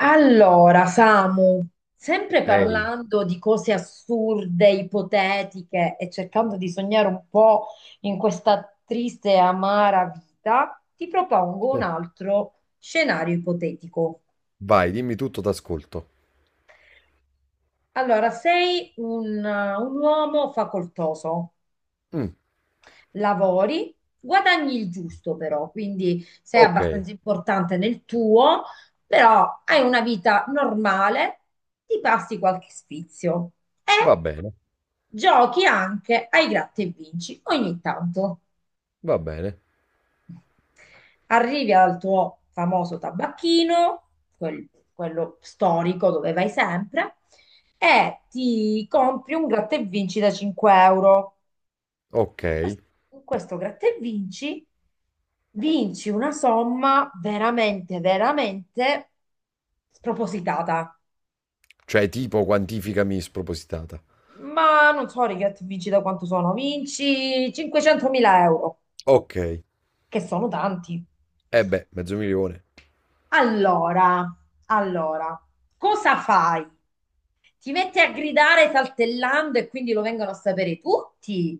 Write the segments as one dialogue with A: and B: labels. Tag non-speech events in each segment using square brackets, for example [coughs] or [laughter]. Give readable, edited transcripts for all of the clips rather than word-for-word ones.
A: Allora, Samu, sempre
B: Ehi,
A: parlando di cose assurde, ipotetiche e cercando di sognare un po' in questa triste e amara vita, ti propongo un
B: eh,
A: altro scenario ipotetico.
B: vai, dimmi tutto, t'ascolto.
A: Allora, sei un uomo facoltoso,
B: Mm,
A: lavori, guadagni il giusto però, quindi sei
B: ok,
A: abbastanza importante nel tuo, però hai una vita normale, ti passi qualche sfizio e
B: va bene,
A: giochi anche ai gratta e vinci ogni tanto.
B: va bene.
A: Arrivi al tuo famoso tabacchino, quel- quello storico dove vai sempre, e ti compri un gratta e vinci da 5 euro.
B: Ok,
A: Con questo gratta e vinci, vinci una somma veramente, veramente spropositata.
B: cioè tipo quantificami spropositata.
A: Ma non so, i gratta e vinci da quanto sono, vinci 500.000 euro,
B: Ok,
A: che sono tanti.
B: e beh, mezzo milione.
A: Allora, allora, cosa fai? Ti metti a gridare saltellando e quindi lo vengono a sapere tutti?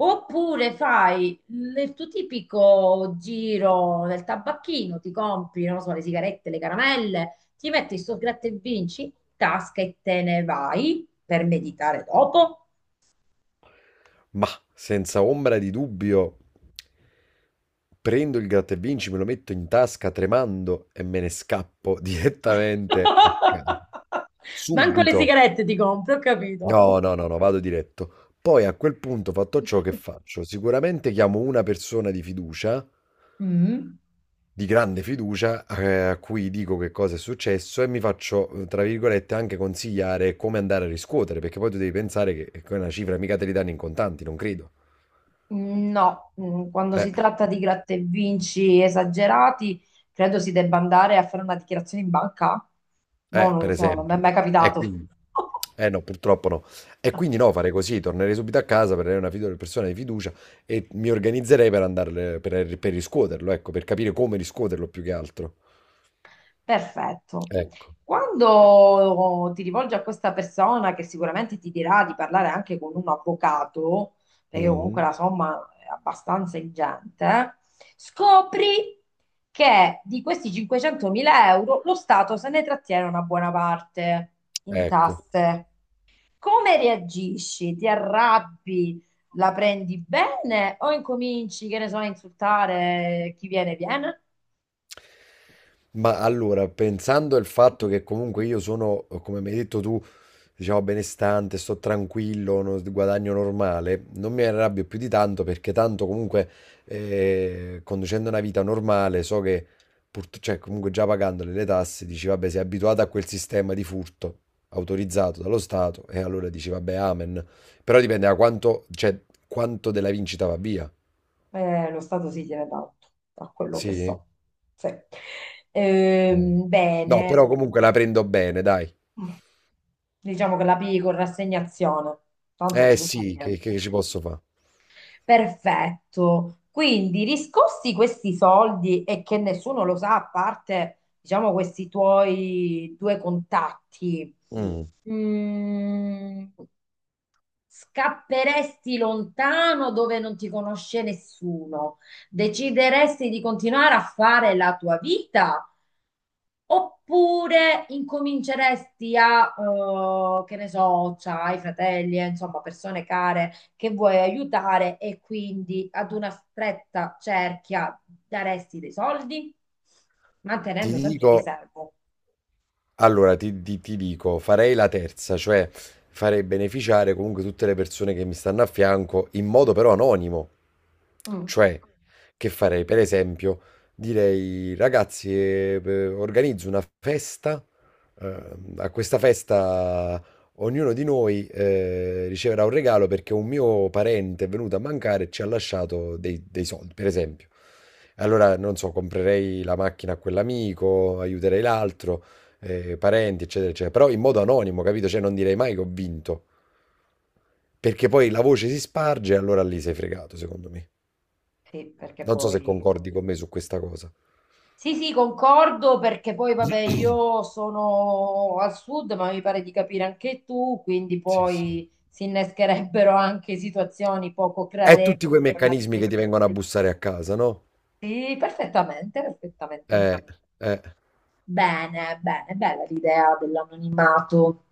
A: Oppure fai il tuo tipico giro del tabacchino, ti compri, non lo so, le sigarette, le caramelle, ti metti sto gratta e vinci in tasca e te ne vai per meditare dopo?
B: Ma senza ombra di dubbio, prendo il gratta e vinci, me lo metto in tasca tremando e me ne scappo [laughs] direttamente a
A: [laughs]
B: casa.
A: Manco le
B: Subito.
A: sigarette ti compri, ho capito.
B: No, no, no, no, vado diretto. Poi a quel punto, fatto ciò che
A: [laughs]
B: faccio, sicuramente chiamo una persona di fiducia
A: Mm.
B: di grande fiducia, a cui dico che cosa è successo e mi faccio, tra virgolette, anche consigliare come andare a riscuotere, perché poi tu devi pensare che una cifra mica te li danno in contanti, non credo.
A: No, mm, quando
B: Eh,
A: si tratta di gratta e vinci esagerati, credo si debba andare a fare una dichiarazione in banca. Mo'
B: eh,
A: non lo
B: per
A: so, non mi è
B: esempio.
A: mai
B: E
A: capitato.
B: quindi. Eh no, purtroppo no. E quindi
A: [laughs]
B: no, fare così, tornerei subito a casa, prenderei una persona di fiducia e mi organizzerei per andare per riscuoterlo, ecco, per capire come riscuoterlo più che altro.
A: Perfetto.
B: Ecco.
A: Quando ti rivolgi a questa persona che sicuramente ti dirà di parlare anche con un avvocato, perché comunque
B: Mm.
A: la somma è abbastanza ingente, scopri che di questi 500.000 euro lo Stato se ne trattiene una buona parte in
B: Ecco.
A: tasse. Come reagisci? Ti arrabbi? La prendi bene o incominci, che ne so, a insultare chi viene?
B: Ma allora, pensando al fatto che comunque io sono, come mi hai detto tu, diciamo benestante, sto tranquillo, guadagno normale, non mi arrabbio più di tanto perché tanto comunque conducendo una vita normale so che, cioè comunque già pagandole le tasse, dici vabbè sei abituato a quel sistema di furto autorizzato dallo Stato e allora dici vabbè amen. Però dipende da quanto, cioè, quanto della vincita va via.
A: Lo Stato si tiene tanto, da quello che
B: Sì?
A: so. Sì.
B: No,
A: Bene,
B: però comunque la prendo bene, dai.
A: diciamo che la P con rassegnazione, tanto non ci
B: Eh
A: può fare
B: sì, che,
A: niente.
B: che ci posso fare?
A: Perfetto. Quindi riscossi questi soldi e che nessuno lo sa, a parte, diciamo, questi tuoi due contatti.
B: Mm.
A: Mm, scapperesti lontano dove non ti conosce nessuno? Decideresti di continuare a fare la tua vita? Oppure incominceresti a, che ne so, c'hai fratelli, insomma, persone care che vuoi aiutare e quindi ad una stretta cerchia daresti dei soldi,
B: Ti
A: mantenendo sempre il
B: dico,
A: riservo?
B: allora ti dico, farei la terza, cioè farei beneficiare comunque tutte le persone che mi stanno a fianco in modo però anonimo.
A: Mm,
B: Cioè, che farei? Per esempio, direi, ragazzi, organizzo una festa, eh, a questa festa ognuno di noi, riceverà un regalo perché un mio parente è venuto a mancare e ci ha lasciato dei soldi, per esempio. Allora, non so, comprerei la macchina a quell'amico, aiuterei l'altro, parenti, eccetera, eccetera, però in modo anonimo, capito? Cioè, non direi mai che ho vinto, perché poi la voce si sparge e allora lì sei fregato, secondo me.
A: sì, perché
B: Non so se
A: poi
B: concordi con me su questa cosa.
A: sì, sì, concordo perché poi, vabbè,
B: [coughs]
A: io sono al sud, ma mi pare di capire anche tu, quindi
B: Sì, sì.
A: poi si innescherebbero anche situazioni poco
B: È tutti
A: gradevoli
B: quei
A: con
B: meccanismi
A: altre
B: che ti
A: situazioni.
B: vengono a bussare a casa, no?
A: Sì, perfettamente, perfettamente,
B: Eh,
A: perfettamente.
B: eh,
A: Bene, bene, bella l'idea dell'anonimato.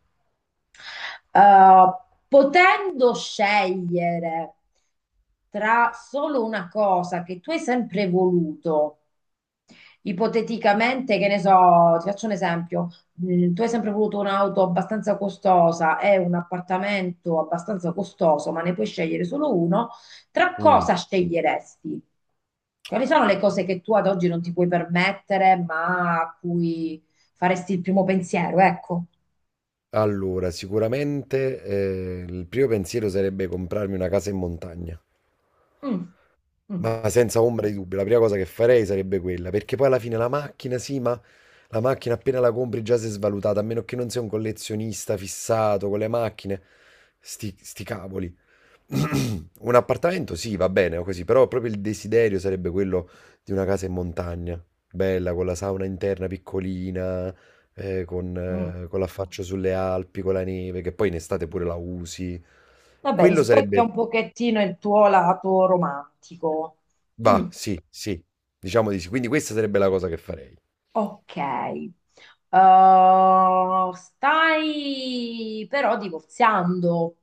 A: Eh, potendo scegliere tra solo una cosa che tu hai sempre voluto, ipoteticamente, che ne so, ti faccio un esempio. Mm, tu hai sempre voluto un'auto abbastanza costosa e un appartamento abbastanza costoso, ma ne puoi scegliere solo uno. Tra
B: mm.
A: cosa sceglieresti? Quali sono le cose che tu ad oggi non ti puoi permettere, ma a cui faresti il primo pensiero? Ecco.
B: Allora, sicuramente, il primo pensiero sarebbe comprarmi una casa in montagna,
A: Mm, mm,
B: ma senza ombra di dubbio, la prima cosa che farei sarebbe quella, perché poi alla fine la macchina, sì, ma la macchina appena la compri già si è svalutata, a meno che non sei un collezionista fissato con le macchine, sti cavoli. [clears throat] Un appartamento, sì, va bene, o così, però proprio il desiderio sarebbe quello di una casa in montagna, bella, con la sauna interna piccolina, eh, con,
A: mm.
B: eh, con l'affaccio sulle Alpi, con la neve, che poi in estate pure la usi.
A: Vabbè,
B: Quello
A: rispecchia
B: sarebbe.
A: un pochettino il tuo lato romantico.
B: Va,
A: Mm.
B: sì, sì, diciamo di sì. Quindi questa sarebbe la cosa che farei.
A: Ok. Stai però divorziando,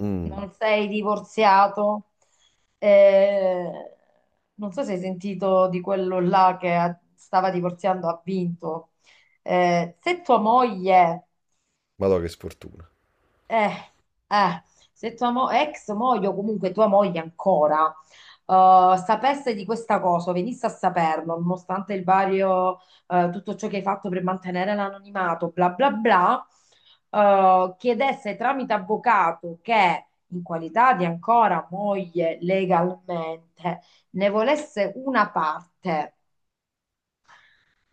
B: Mm,
A: non sei divorziato. Eh, non so se hai sentito di quello là che stava divorziando, ha vinto. Se tua moglie,
B: madò, che sfortuna.
A: Eh, eh, se tua ex moglie o comunque tua moglie ancora, sapesse di questa cosa, venisse a saperlo, nonostante il vario, tutto ciò che hai fatto per mantenere l'anonimato, bla bla bla, chiedesse tramite avvocato che in qualità di ancora moglie legalmente ne volesse una parte,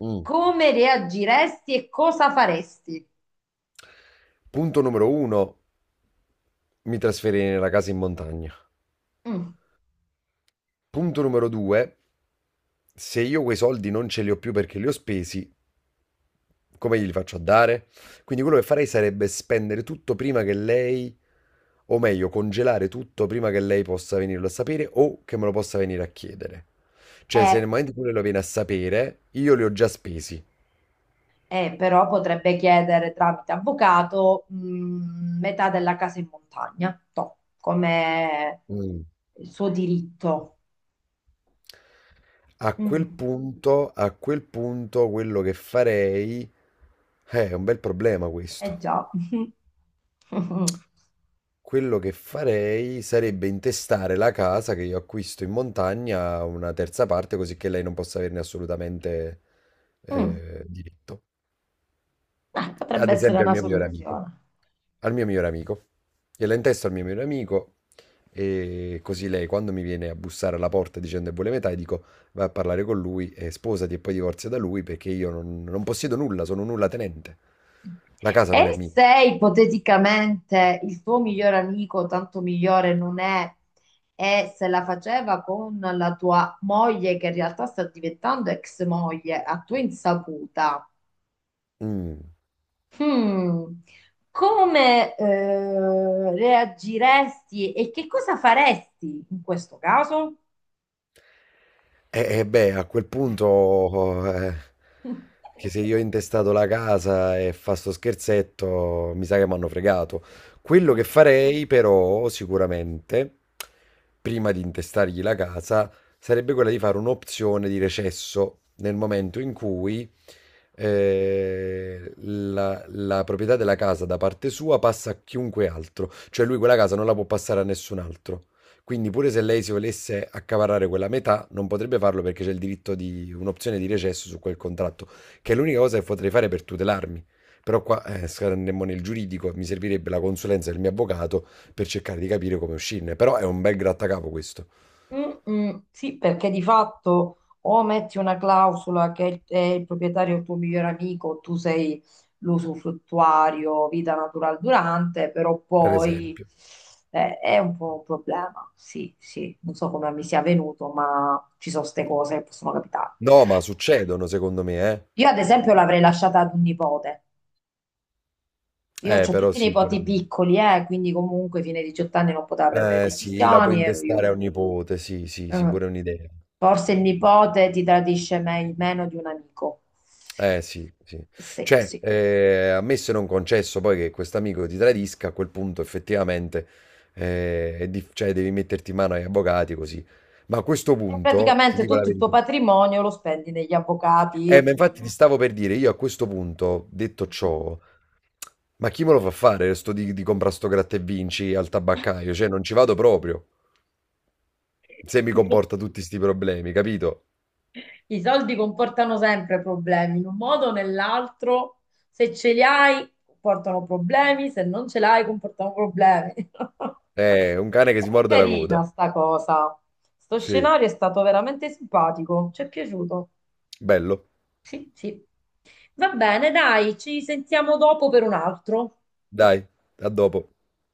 B: Mm.
A: come reagiresti e cosa faresti?
B: Punto numero uno, mi trasferirei nella casa in montagna.
A: Mm,
B: Punto numero due, se io quei soldi non ce li ho più perché li ho spesi. Come glieli faccio a dare? Quindi quello che farei sarebbe spendere tutto prima che lei, o meglio, congelare tutto prima che lei possa venirlo a sapere o che me lo possa venire a chiedere. Cioè, se
A: eh.
B: nel momento in cui lei lo viene a sapere, io li ho già spesi.
A: Però potrebbe chiedere tramite avvocato, metà della casa in montagna, toh, come
B: Mm.
A: il suo diritto.
B: A quel
A: Mm,
B: punto, a quel punto, quello che farei. È un bel problema
A: eh
B: questo.
A: già. [laughs]
B: Quello che farei sarebbe intestare la casa che io acquisto in montagna a una terza parte, così che lei non possa averne assolutamente
A: Mm,
B: diritto.
A: potrebbe
B: Ad
A: essere
B: esempio al
A: una
B: mio migliore amico.
A: soluzione.
B: Al mio migliore amico. Gliela intesto al mio migliore amico e così lei quando mi viene a bussare alla porta dicendo che vuole metà, io dico vai a parlare con lui e sposati e poi divorzia da lui perché io non possiedo nulla, sono nulla tenente. La casa non è
A: E
B: mia.
A: se ipoteticamente il tuo migliore amico, tanto migliore non è, e se la faceva con la tua moglie, che in realtà sta diventando ex moglie, a tua insaputa.
B: Mm.
A: Mm. Come, reagiresti e che cosa faresti in questo caso?
B: Beh, a quel punto, che se
A: [laughs]
B: io ho intestato la casa e fa sto scherzetto, mi sa che mi hanno fregato. Quello che
A: Mm.
B: farei, però, sicuramente, prima di intestargli la casa, sarebbe quella di fare un'opzione di recesso nel momento in cui la proprietà della casa da parte sua passa a chiunque altro, cioè lui quella casa non la può passare a nessun altro. Quindi pure se lei si volesse accaparrare quella metà, non potrebbe farlo perché c'è il diritto di un'opzione di recesso su quel contratto, che è l'unica cosa che potrei fare per tutelarmi. Però qua, saremmo nel giuridico, mi servirebbe la consulenza del mio avvocato per cercare di capire come uscirne. Però è un bel grattacapo questo,
A: Mm, mm, sì, perché di fatto o metti una clausola che è il proprietario il tuo migliore amico, tu sei l'usufruttuario, vita natural durante, però
B: per
A: poi,
B: esempio.
A: è un po' un problema. Sì, sì, non so come mi sia venuto, ma ci sono queste cose che possono capitare.
B: No, ma succedono secondo me,
A: Io ad esempio l'avrei lasciata ad un nipote. Io ho
B: eh. Però
A: tutti i
B: sì, pure.
A: nipoti piccoli, quindi comunque fine 18 anni non poteva prendere
B: Eh sì, la puoi
A: decisioni, ero
B: intestare
A: io.
B: a un nipote, sì, sì, sì,
A: Eh,
B: pure è un'idea.
A: Forse il nipote ti tradisce meno di un amico.
B: Eh sì, sì.
A: Sì,
B: Cioè,
A: sì.
B: ammesso e non concesso poi che quest'amico ti tradisca, a quel punto effettivamente, cioè, devi metterti in mano agli avvocati così. Ma a questo
A: E
B: punto, ti
A: praticamente
B: dico la
A: tutto il tuo
B: verità.
A: patrimonio lo spendi negli
B: Ma
A: avvocati.
B: infatti ti stavo per dire, io a questo punto, detto ciò, ma chi me lo fa fare sto di comprare sto gratta e vinci al tabaccaio? Cioè, non ci vado proprio, se mi
A: [laughs]
B: comporta tutti sti problemi, capito?
A: I soldi comportano sempre problemi, in un modo o nell'altro. Se ce li hai, comportano problemi, se non ce l'hai, comportano problemi. [laughs]
B: È un cane che si
A: Però
B: morde la coda.
A: carina sta cosa. Sto
B: Sì,
A: scenario è stato veramente simpatico, ci è piaciuto.
B: bello.
A: Sì, sì. Va bene, dai, ci sentiamo dopo per un altro.
B: Dai, a dopo.